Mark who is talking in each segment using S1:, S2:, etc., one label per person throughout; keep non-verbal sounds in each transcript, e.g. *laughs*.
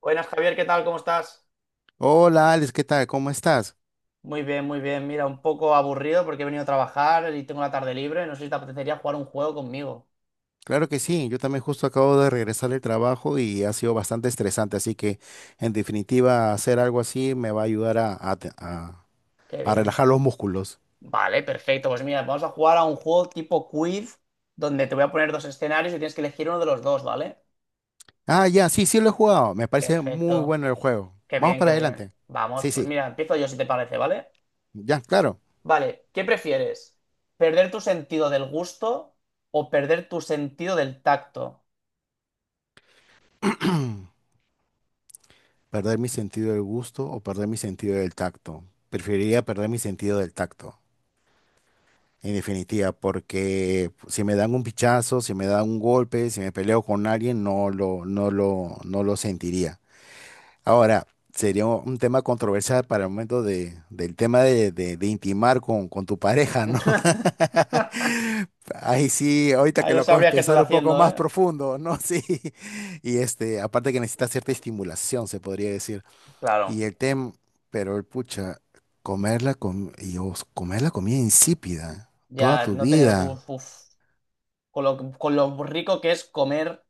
S1: Buenas, Javier, ¿qué tal? ¿Cómo estás?
S2: Hola Alex, ¿qué tal? ¿Cómo estás?
S1: Muy bien, muy bien. Mira, un poco aburrido porque he venido a trabajar y tengo la tarde libre. No sé si te apetecería jugar un juego conmigo.
S2: Claro que sí, yo también justo acabo de regresar del trabajo y ha sido bastante estresante, así que en definitiva hacer algo así me va a ayudar
S1: Qué
S2: a
S1: bien.
S2: relajar los músculos.
S1: Vale, perfecto. Pues mira, vamos a jugar a un juego tipo quiz donde te voy a poner dos escenarios y tienes que elegir uno de los dos, ¿vale?
S2: Ah, ya, sí, sí lo he jugado, me parece muy
S1: Perfecto.
S2: bueno el juego.
S1: Qué
S2: Vamos
S1: bien,
S2: para
S1: qué bien.
S2: adelante.
S1: Vamos,
S2: Sí,
S1: pues
S2: sí,
S1: mira, empiezo yo si te parece, ¿vale?
S2: ya, claro.
S1: Vale, ¿qué prefieres? ¿Perder tu sentido del gusto o perder tu sentido del tacto?
S2: *clears throat* Perder mi sentido del gusto o perder mi sentido del tacto. Preferiría perder mi sentido del tacto. En definitiva, porque si me dan un pichazo, si me dan un golpe, si me peleo con alguien, no lo sentiría. Ahora, sería un tema controversial para el momento del tema de intimar con tu pareja, ¿no?
S1: *laughs*
S2: *laughs* Ahí sí, ahorita
S1: Ahí
S2: que
S1: no
S2: lo acabo de
S1: sabrías qué estoy
S2: pensar un poco
S1: haciendo,
S2: más
S1: ¿eh?
S2: profundo, ¿no? *laughs* Sí. Y este, aparte que necesita cierta estimulación, se podría decir. Y
S1: Claro.
S2: el tema, pero el pucha, comer la comida insípida toda
S1: Ya,
S2: tu
S1: no tener
S2: vida.
S1: uf, uf. Con lo rico que es comer,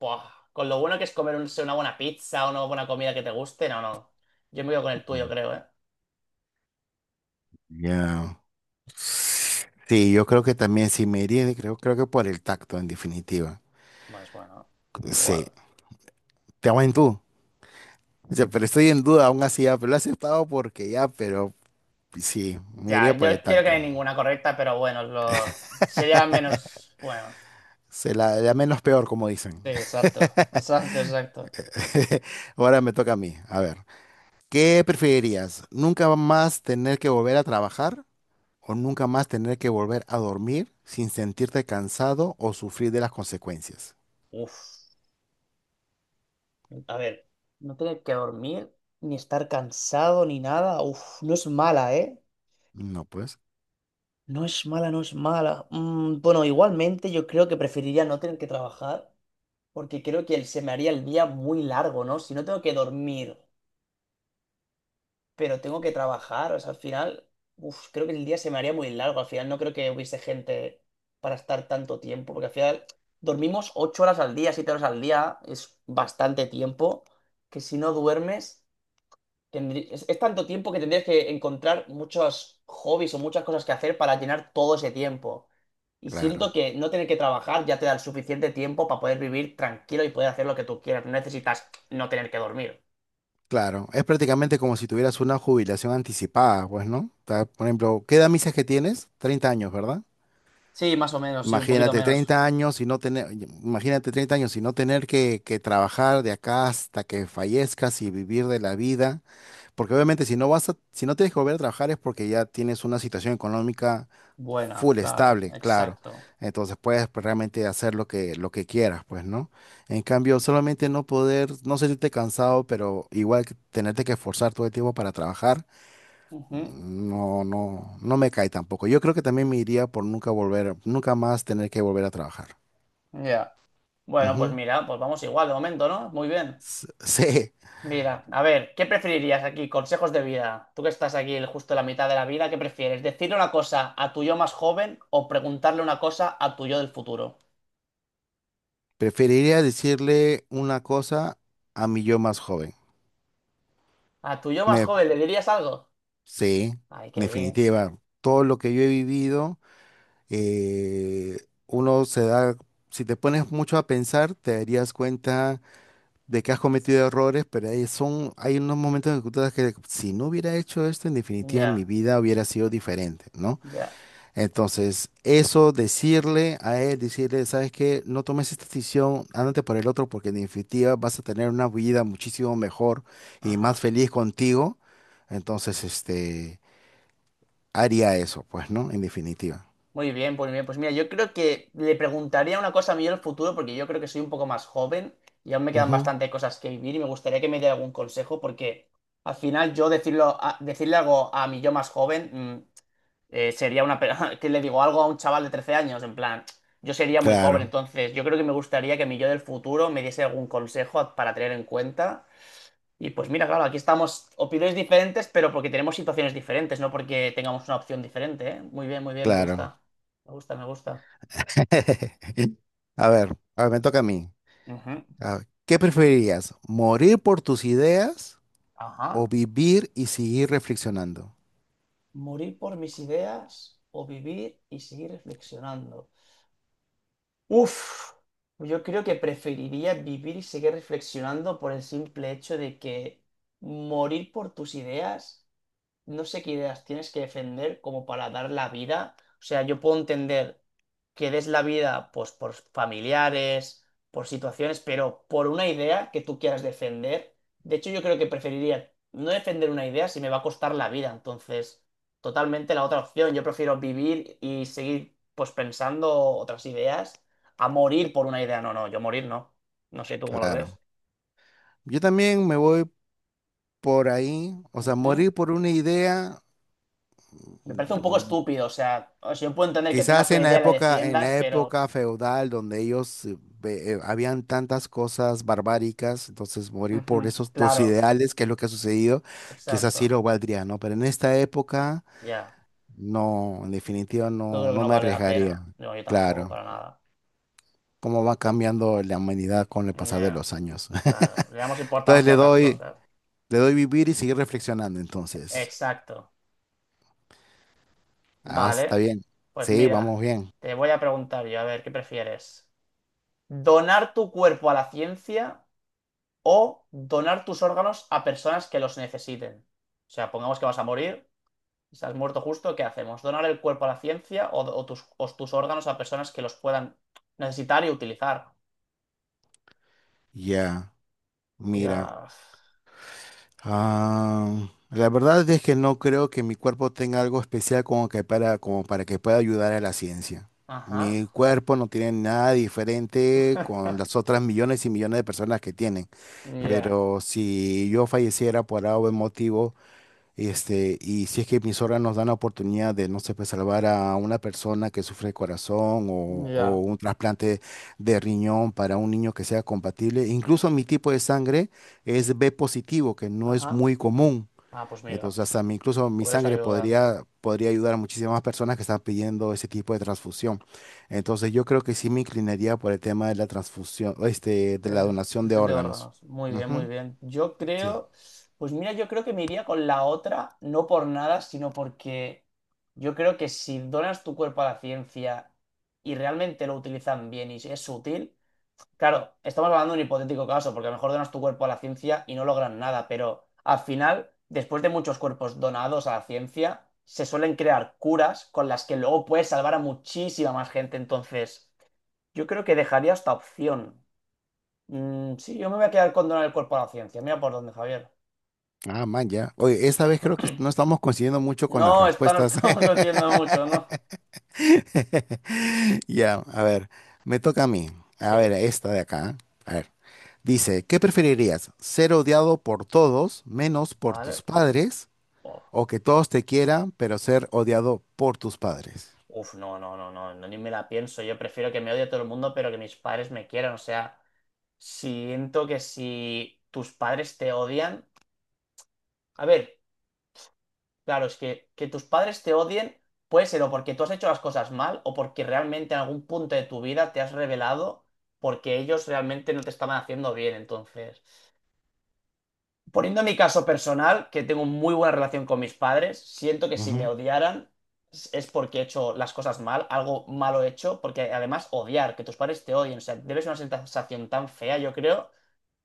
S1: ¡buah! Con lo bueno que es comer una buena pizza, una buena comida que te guste, no, no. Yo me voy con el tuyo,
S2: Mm.
S1: creo, ¿eh?
S2: Ya. Sí, yo creo que también sí me iría, creo que por el tacto, en definitiva.
S1: Pues bueno,
S2: Sí,
S1: igual.
S2: te hago en tú. O sea, pero estoy en duda aún así, ya, pero lo he aceptado porque ya, pero sí, me
S1: Ya,
S2: iría
S1: yo
S2: por el
S1: creo que no
S2: tacto.
S1: hay ninguna correcta, pero bueno, sería menos buenos.
S2: La menos peor, como dicen.
S1: Sí, exacto, exacto, exacto.
S2: *laughs* Ahora me toca a mí. A ver, ¿qué preferirías? ¿Nunca más tener que volver a trabajar o nunca más tener que volver a dormir sin sentirte cansado o sufrir de las consecuencias?
S1: Uf, a ver, no tener que dormir, ni estar cansado, ni nada, uf, no es mala, ¿eh?
S2: No, pues,
S1: No es mala, no es mala. Bueno, igualmente yo creo que preferiría no tener que trabajar, porque creo que se me haría el día muy largo, ¿no? Si no tengo que dormir, pero tengo que trabajar, o sea, al final, uf, creo que el día se me haría muy largo. Al final no creo que hubiese gente para estar tanto tiempo, porque al final dormimos 8 horas al día, 7 horas al día, es bastante tiempo, que si no duermes es tanto tiempo que tendrías que encontrar muchos hobbies o muchas cosas que hacer para llenar todo ese tiempo. Y siento
S2: claro.
S1: que no tener que trabajar ya te da el suficiente tiempo para poder vivir tranquilo y poder hacer lo que tú quieras. No necesitas no tener que dormir.
S2: Claro, es prácticamente como si tuvieras una jubilación anticipada, pues, ¿no? O sea, por ejemplo, ¿qué edad me dices que tienes? 30 años, ¿verdad?
S1: Sí, más o menos, sí, un poquito
S2: Imagínate
S1: menos.
S2: 30 años y no tener, imagínate 30 años y no tener que trabajar de acá hasta que fallezcas y vivir de la vida. Porque obviamente si no vas a, si no tienes que volver a trabajar es porque ya tienes una situación económica
S1: Buena,
S2: full
S1: claro,
S2: estable, claro.
S1: exacto.
S2: Entonces puedes, pues, realmente hacer lo que quieras, pues, ¿no? En cambio, solamente no poder, no sentirte cansado, pero igual que tenerte que esforzar todo el tiempo para trabajar,
S1: Ujú.
S2: no, no, no me cae tampoco. Yo creo que también me iría por nunca más tener que volver a trabajar.
S1: Ya. Bueno, pues
S2: Ujú.
S1: mira, pues vamos igual de momento, ¿no? Muy bien.
S2: *laughs* Sí,
S1: Mira, a ver, ¿qué preferirías aquí? Consejos de vida. Tú que estás aquí justo en la mitad de la vida, ¿qué prefieres? ¿Decirle una cosa a tu yo más joven o preguntarle una cosa a tu yo del futuro?
S2: preferiría decirle una cosa a mi yo más joven.
S1: ¿A tu yo más
S2: Me
S1: joven le dirías algo?
S2: Sí,
S1: Ay,
S2: en
S1: qué bien.
S2: definitiva, todo lo que yo he vivido, eh, uno se da, si te pones mucho a pensar, te darías cuenta de que has cometido errores, pero hay, son, hay unos momentos en que tú te das que si no hubiera hecho esto, en definitiva mi
S1: Ya,
S2: vida hubiera sido diferente, ¿no?
S1: ya.
S2: Entonces, eso, decirle a él, decirle, ¿sabes qué? No tomes esta decisión, ándate por el otro, porque en definitiva vas a tener una vida muchísimo mejor y más
S1: Ajá.
S2: feliz contigo. Entonces, este, haría eso, pues, ¿no? En definitiva.
S1: Muy bien. Pues mira, yo creo que le preguntaría una cosa a mi yo del futuro porque yo creo que soy un poco más joven y aún me quedan
S2: Ujú.
S1: bastante cosas que vivir y me gustaría que me diera algún consejo porque al final yo decirle algo a mi yo más joven. mm, sería una... *laughs* que le digo algo a un chaval de 13 años, en plan, yo sería muy joven,
S2: Claro,
S1: entonces yo creo que me gustaría que mi yo del futuro me diese algún consejo para tener en cuenta. Y pues mira, claro, aquí estamos, opiniones diferentes, pero porque tenemos situaciones diferentes, no porque tengamos una opción diferente, ¿eh? Muy bien, me
S2: claro.
S1: gusta. Me gusta, me gusta.
S2: *laughs* A ver, me toca a mí.
S1: Ujú.
S2: A ver, ¿qué preferirías? ¿Morir por tus ideas o
S1: Ajá.
S2: vivir y seguir reflexionando?
S1: Morir por mis ideas o vivir y seguir reflexionando. Uf, yo creo que preferiría vivir y seguir reflexionando por el simple hecho de que morir por tus ideas no sé qué ideas tienes que defender como para dar la vida. O sea, yo puedo entender que des la vida pues por familiares, por situaciones, pero por una idea que tú quieras defender. De hecho, yo creo que preferiría no defender una idea si me va a costar la vida. Entonces, totalmente la otra opción. Yo prefiero vivir y seguir pues pensando otras ideas a morir por una idea. No, no, yo morir no. No sé tú cómo lo ves.
S2: Claro. Yo también me voy por ahí, o sea,
S1: Ujú.
S2: morir por una idea.
S1: Me parece un poco estúpido, o sea, yo puedo entender que tengas
S2: Quizás
S1: una idea y la
S2: en
S1: defiendas,
S2: la
S1: pero
S2: época feudal donde ellos habían tantas cosas barbáricas, entonces morir por
S1: Ujú,
S2: esos tus
S1: Claro,
S2: ideales, que es lo que ha sucedido, quizás sí
S1: exacto.
S2: lo valdría, ¿no? Pero en esta época,
S1: Ya.
S2: no, en definitiva
S1: Yo
S2: no,
S1: creo que
S2: no
S1: no
S2: me
S1: vale la
S2: arriesgaría.
S1: pena. No, yo tampoco,
S2: Claro,
S1: para nada.
S2: cómo va cambiando la humanidad con el pasar de
S1: Ya,
S2: los años.
S1: claro. Le damos
S2: *laughs* Entonces
S1: importancia a otras cosas.
S2: le doy vivir y seguir reflexionando, entonces.
S1: Exacto.
S2: Ah, está
S1: Vale.
S2: bien.
S1: Pues
S2: Sí, vamos
S1: mira,
S2: bien.
S1: te voy a preguntar yo, a ver, ¿qué prefieres? ¿Donar tu cuerpo a la ciencia o donar tus órganos a personas que los necesiten? O sea, pongamos que vas a morir, estás muerto justo, ¿qué hacemos? ¿Donar el cuerpo a la ciencia o tus órganos a personas que los puedan necesitar y utilizar?
S2: Ya, mira.
S1: Cuidado.
S2: Ah, la verdad es que no creo que mi cuerpo tenga algo especial como para que pueda ayudar a la ciencia.
S1: Ajá.
S2: Mi cuerpo no tiene nada diferente con las otras millones y millones de personas que tienen.
S1: Ya.
S2: Pero si yo falleciera por algún motivo, este, y si es que mis nos dan la oportunidad de, no sé, pues salvar a una persona que sufre de corazón o
S1: Ya.
S2: un trasplante de riñón para un niño que sea compatible. Incluso mi tipo de sangre es B positivo, que no es
S1: Ajá.
S2: muy común.
S1: Ah, pues mira,
S2: Entonces, hasta mi- incluso mi
S1: podrás
S2: sangre
S1: ayudar.
S2: podría ayudar a muchísimas personas que están pidiendo ese tipo de transfusión. Entonces, yo creo que sí me inclinaría por el tema de la transfusión, este, de la
S1: El
S2: donación de
S1: detección de
S2: órganos.
S1: órganos. Muy bien, muy
S2: Ujú,
S1: bien. Yo
S2: sí.
S1: creo. Pues mira, yo creo que me iría con la otra, no por nada, sino porque yo creo que si donas tu cuerpo a la ciencia y realmente lo utilizan bien y es útil. Claro, estamos hablando de un hipotético caso, porque a lo mejor donas tu cuerpo a la ciencia y no logran nada, pero al final, después de muchos cuerpos donados a la ciencia, se suelen crear curas con las que luego puedes salvar a muchísima más gente. Entonces, yo creo que dejaría esta opción. Sí, yo me voy a quedar con donar el cuerpo a la ciencia. Mira por dónde, Javier.
S2: Ah, man, ya. Oye, esta vez creo que no estamos coincidiendo mucho con las
S1: No, esta no
S2: respuestas.
S1: estamos *laughs* coincidiendo mucho, ¿no?
S2: *laughs* Ya, a ver, me toca a mí. A
S1: Sí,
S2: ver, esta de acá. A ver, dice, ¿qué preferirías? ¿Ser odiado por todos menos por
S1: vale.
S2: tus padres?
S1: Oh,
S2: ¿O que todos te quieran, pero ser odiado por tus padres?
S1: uf, no, no, no, no, no, ni me la pienso. Yo prefiero que me odie todo el mundo, pero que mis padres me quieran, o sea. Siento que si tus padres te odian, a ver, claro, es que tus padres te odien puede ser o porque tú has hecho las cosas mal o porque realmente en algún punto de tu vida te has revelado porque ellos realmente no te estaban haciendo bien, entonces. Poniendo mi caso personal, que tengo muy buena relación con mis padres, siento que si me odiaran es porque he hecho las cosas mal, algo malo he hecho, porque además odiar, que tus padres te odien, o sea, debe ser una sensación tan fea, yo creo,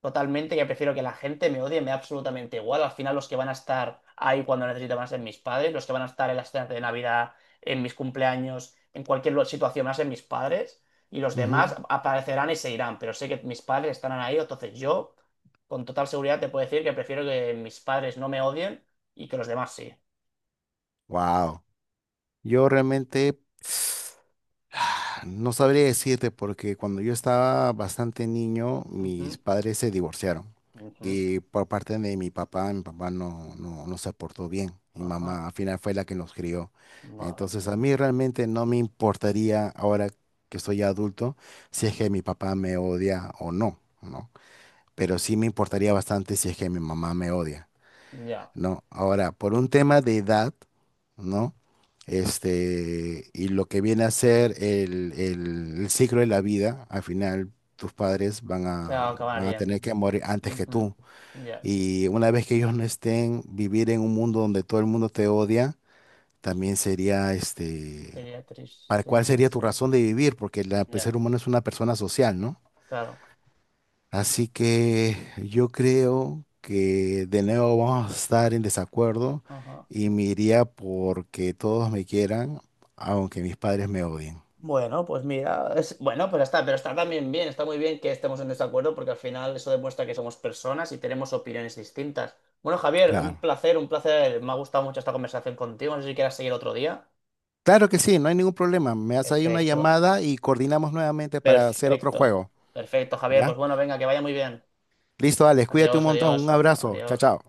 S1: totalmente, que prefiero que la gente me odie, me da absolutamente igual. Al final los que van a estar ahí cuando necesito van a ser mis padres, los que van a estar en las cenas de Navidad, en mis cumpleaños, en cualquier situación van a ser mis padres, y los demás aparecerán y se irán, pero sé que mis padres estarán ahí, entonces yo con total seguridad te puedo decir que prefiero que mis padres no me odien y que los demás sí.
S2: Wow. Yo realmente... *sighs* No sabría decirte porque cuando yo estaba bastante niño, mis
S1: Ujú,
S2: padres se divorciaron.
S1: ujú,
S2: Y por parte de mi papá no, no, no se portó bien. Mi
S1: ajá,
S2: mamá al final fue la que nos crió.
S1: vale.
S2: Entonces a mí realmente no me importaría ahora que soy ya adulto
S1: Ah,
S2: si es que mi papá me odia o no, ¿no? Pero sí me importaría bastante si es que mi mamá me odia,
S1: ya,
S2: ¿no? Ahora, por un tema de edad, ¿no? Este, y lo que viene a ser el ciclo de la vida, al final tus padres van
S1: se
S2: a, van a tener que
S1: acabarían.
S2: morir antes que
S1: Ujú,
S2: tú.
S1: ya,
S2: Y una vez que ellos no estén, vivir en un mundo donde todo el mundo te odia, también sería, este,
S1: sería
S2: ¿para cuál
S1: tristísimo,
S2: sería tu
S1: sí.
S2: razón de vivir? Porque el ser
S1: Ya,
S2: humano es una persona social, ¿no?
S1: claro.
S2: Así que yo creo que de nuevo vamos a estar en desacuerdo
S1: Ajá.
S2: y me iría porque todos me quieran, aunque mis padres me odien.
S1: Bueno, pues mira, bueno, pues está, pero está también bien, está muy bien que estemos en desacuerdo porque al final eso demuestra que somos personas y tenemos opiniones distintas. Bueno, Javier, un
S2: Claro.
S1: placer, un placer. Me ha gustado mucho esta conversación contigo. No sé si quieras seguir otro día.
S2: Claro que sí, no hay ningún problema. Me haces ahí una
S1: Perfecto.
S2: llamada y coordinamos nuevamente para hacer otro
S1: Perfecto,
S2: juego.
S1: perfecto, Javier. Pues
S2: ¿Ya?
S1: bueno, venga, que vaya muy bien.
S2: Listo, Alex, cuídate un
S1: Adiós,
S2: montón. Un
S1: adiós,
S2: abrazo. Chao,
S1: adiós.
S2: chao.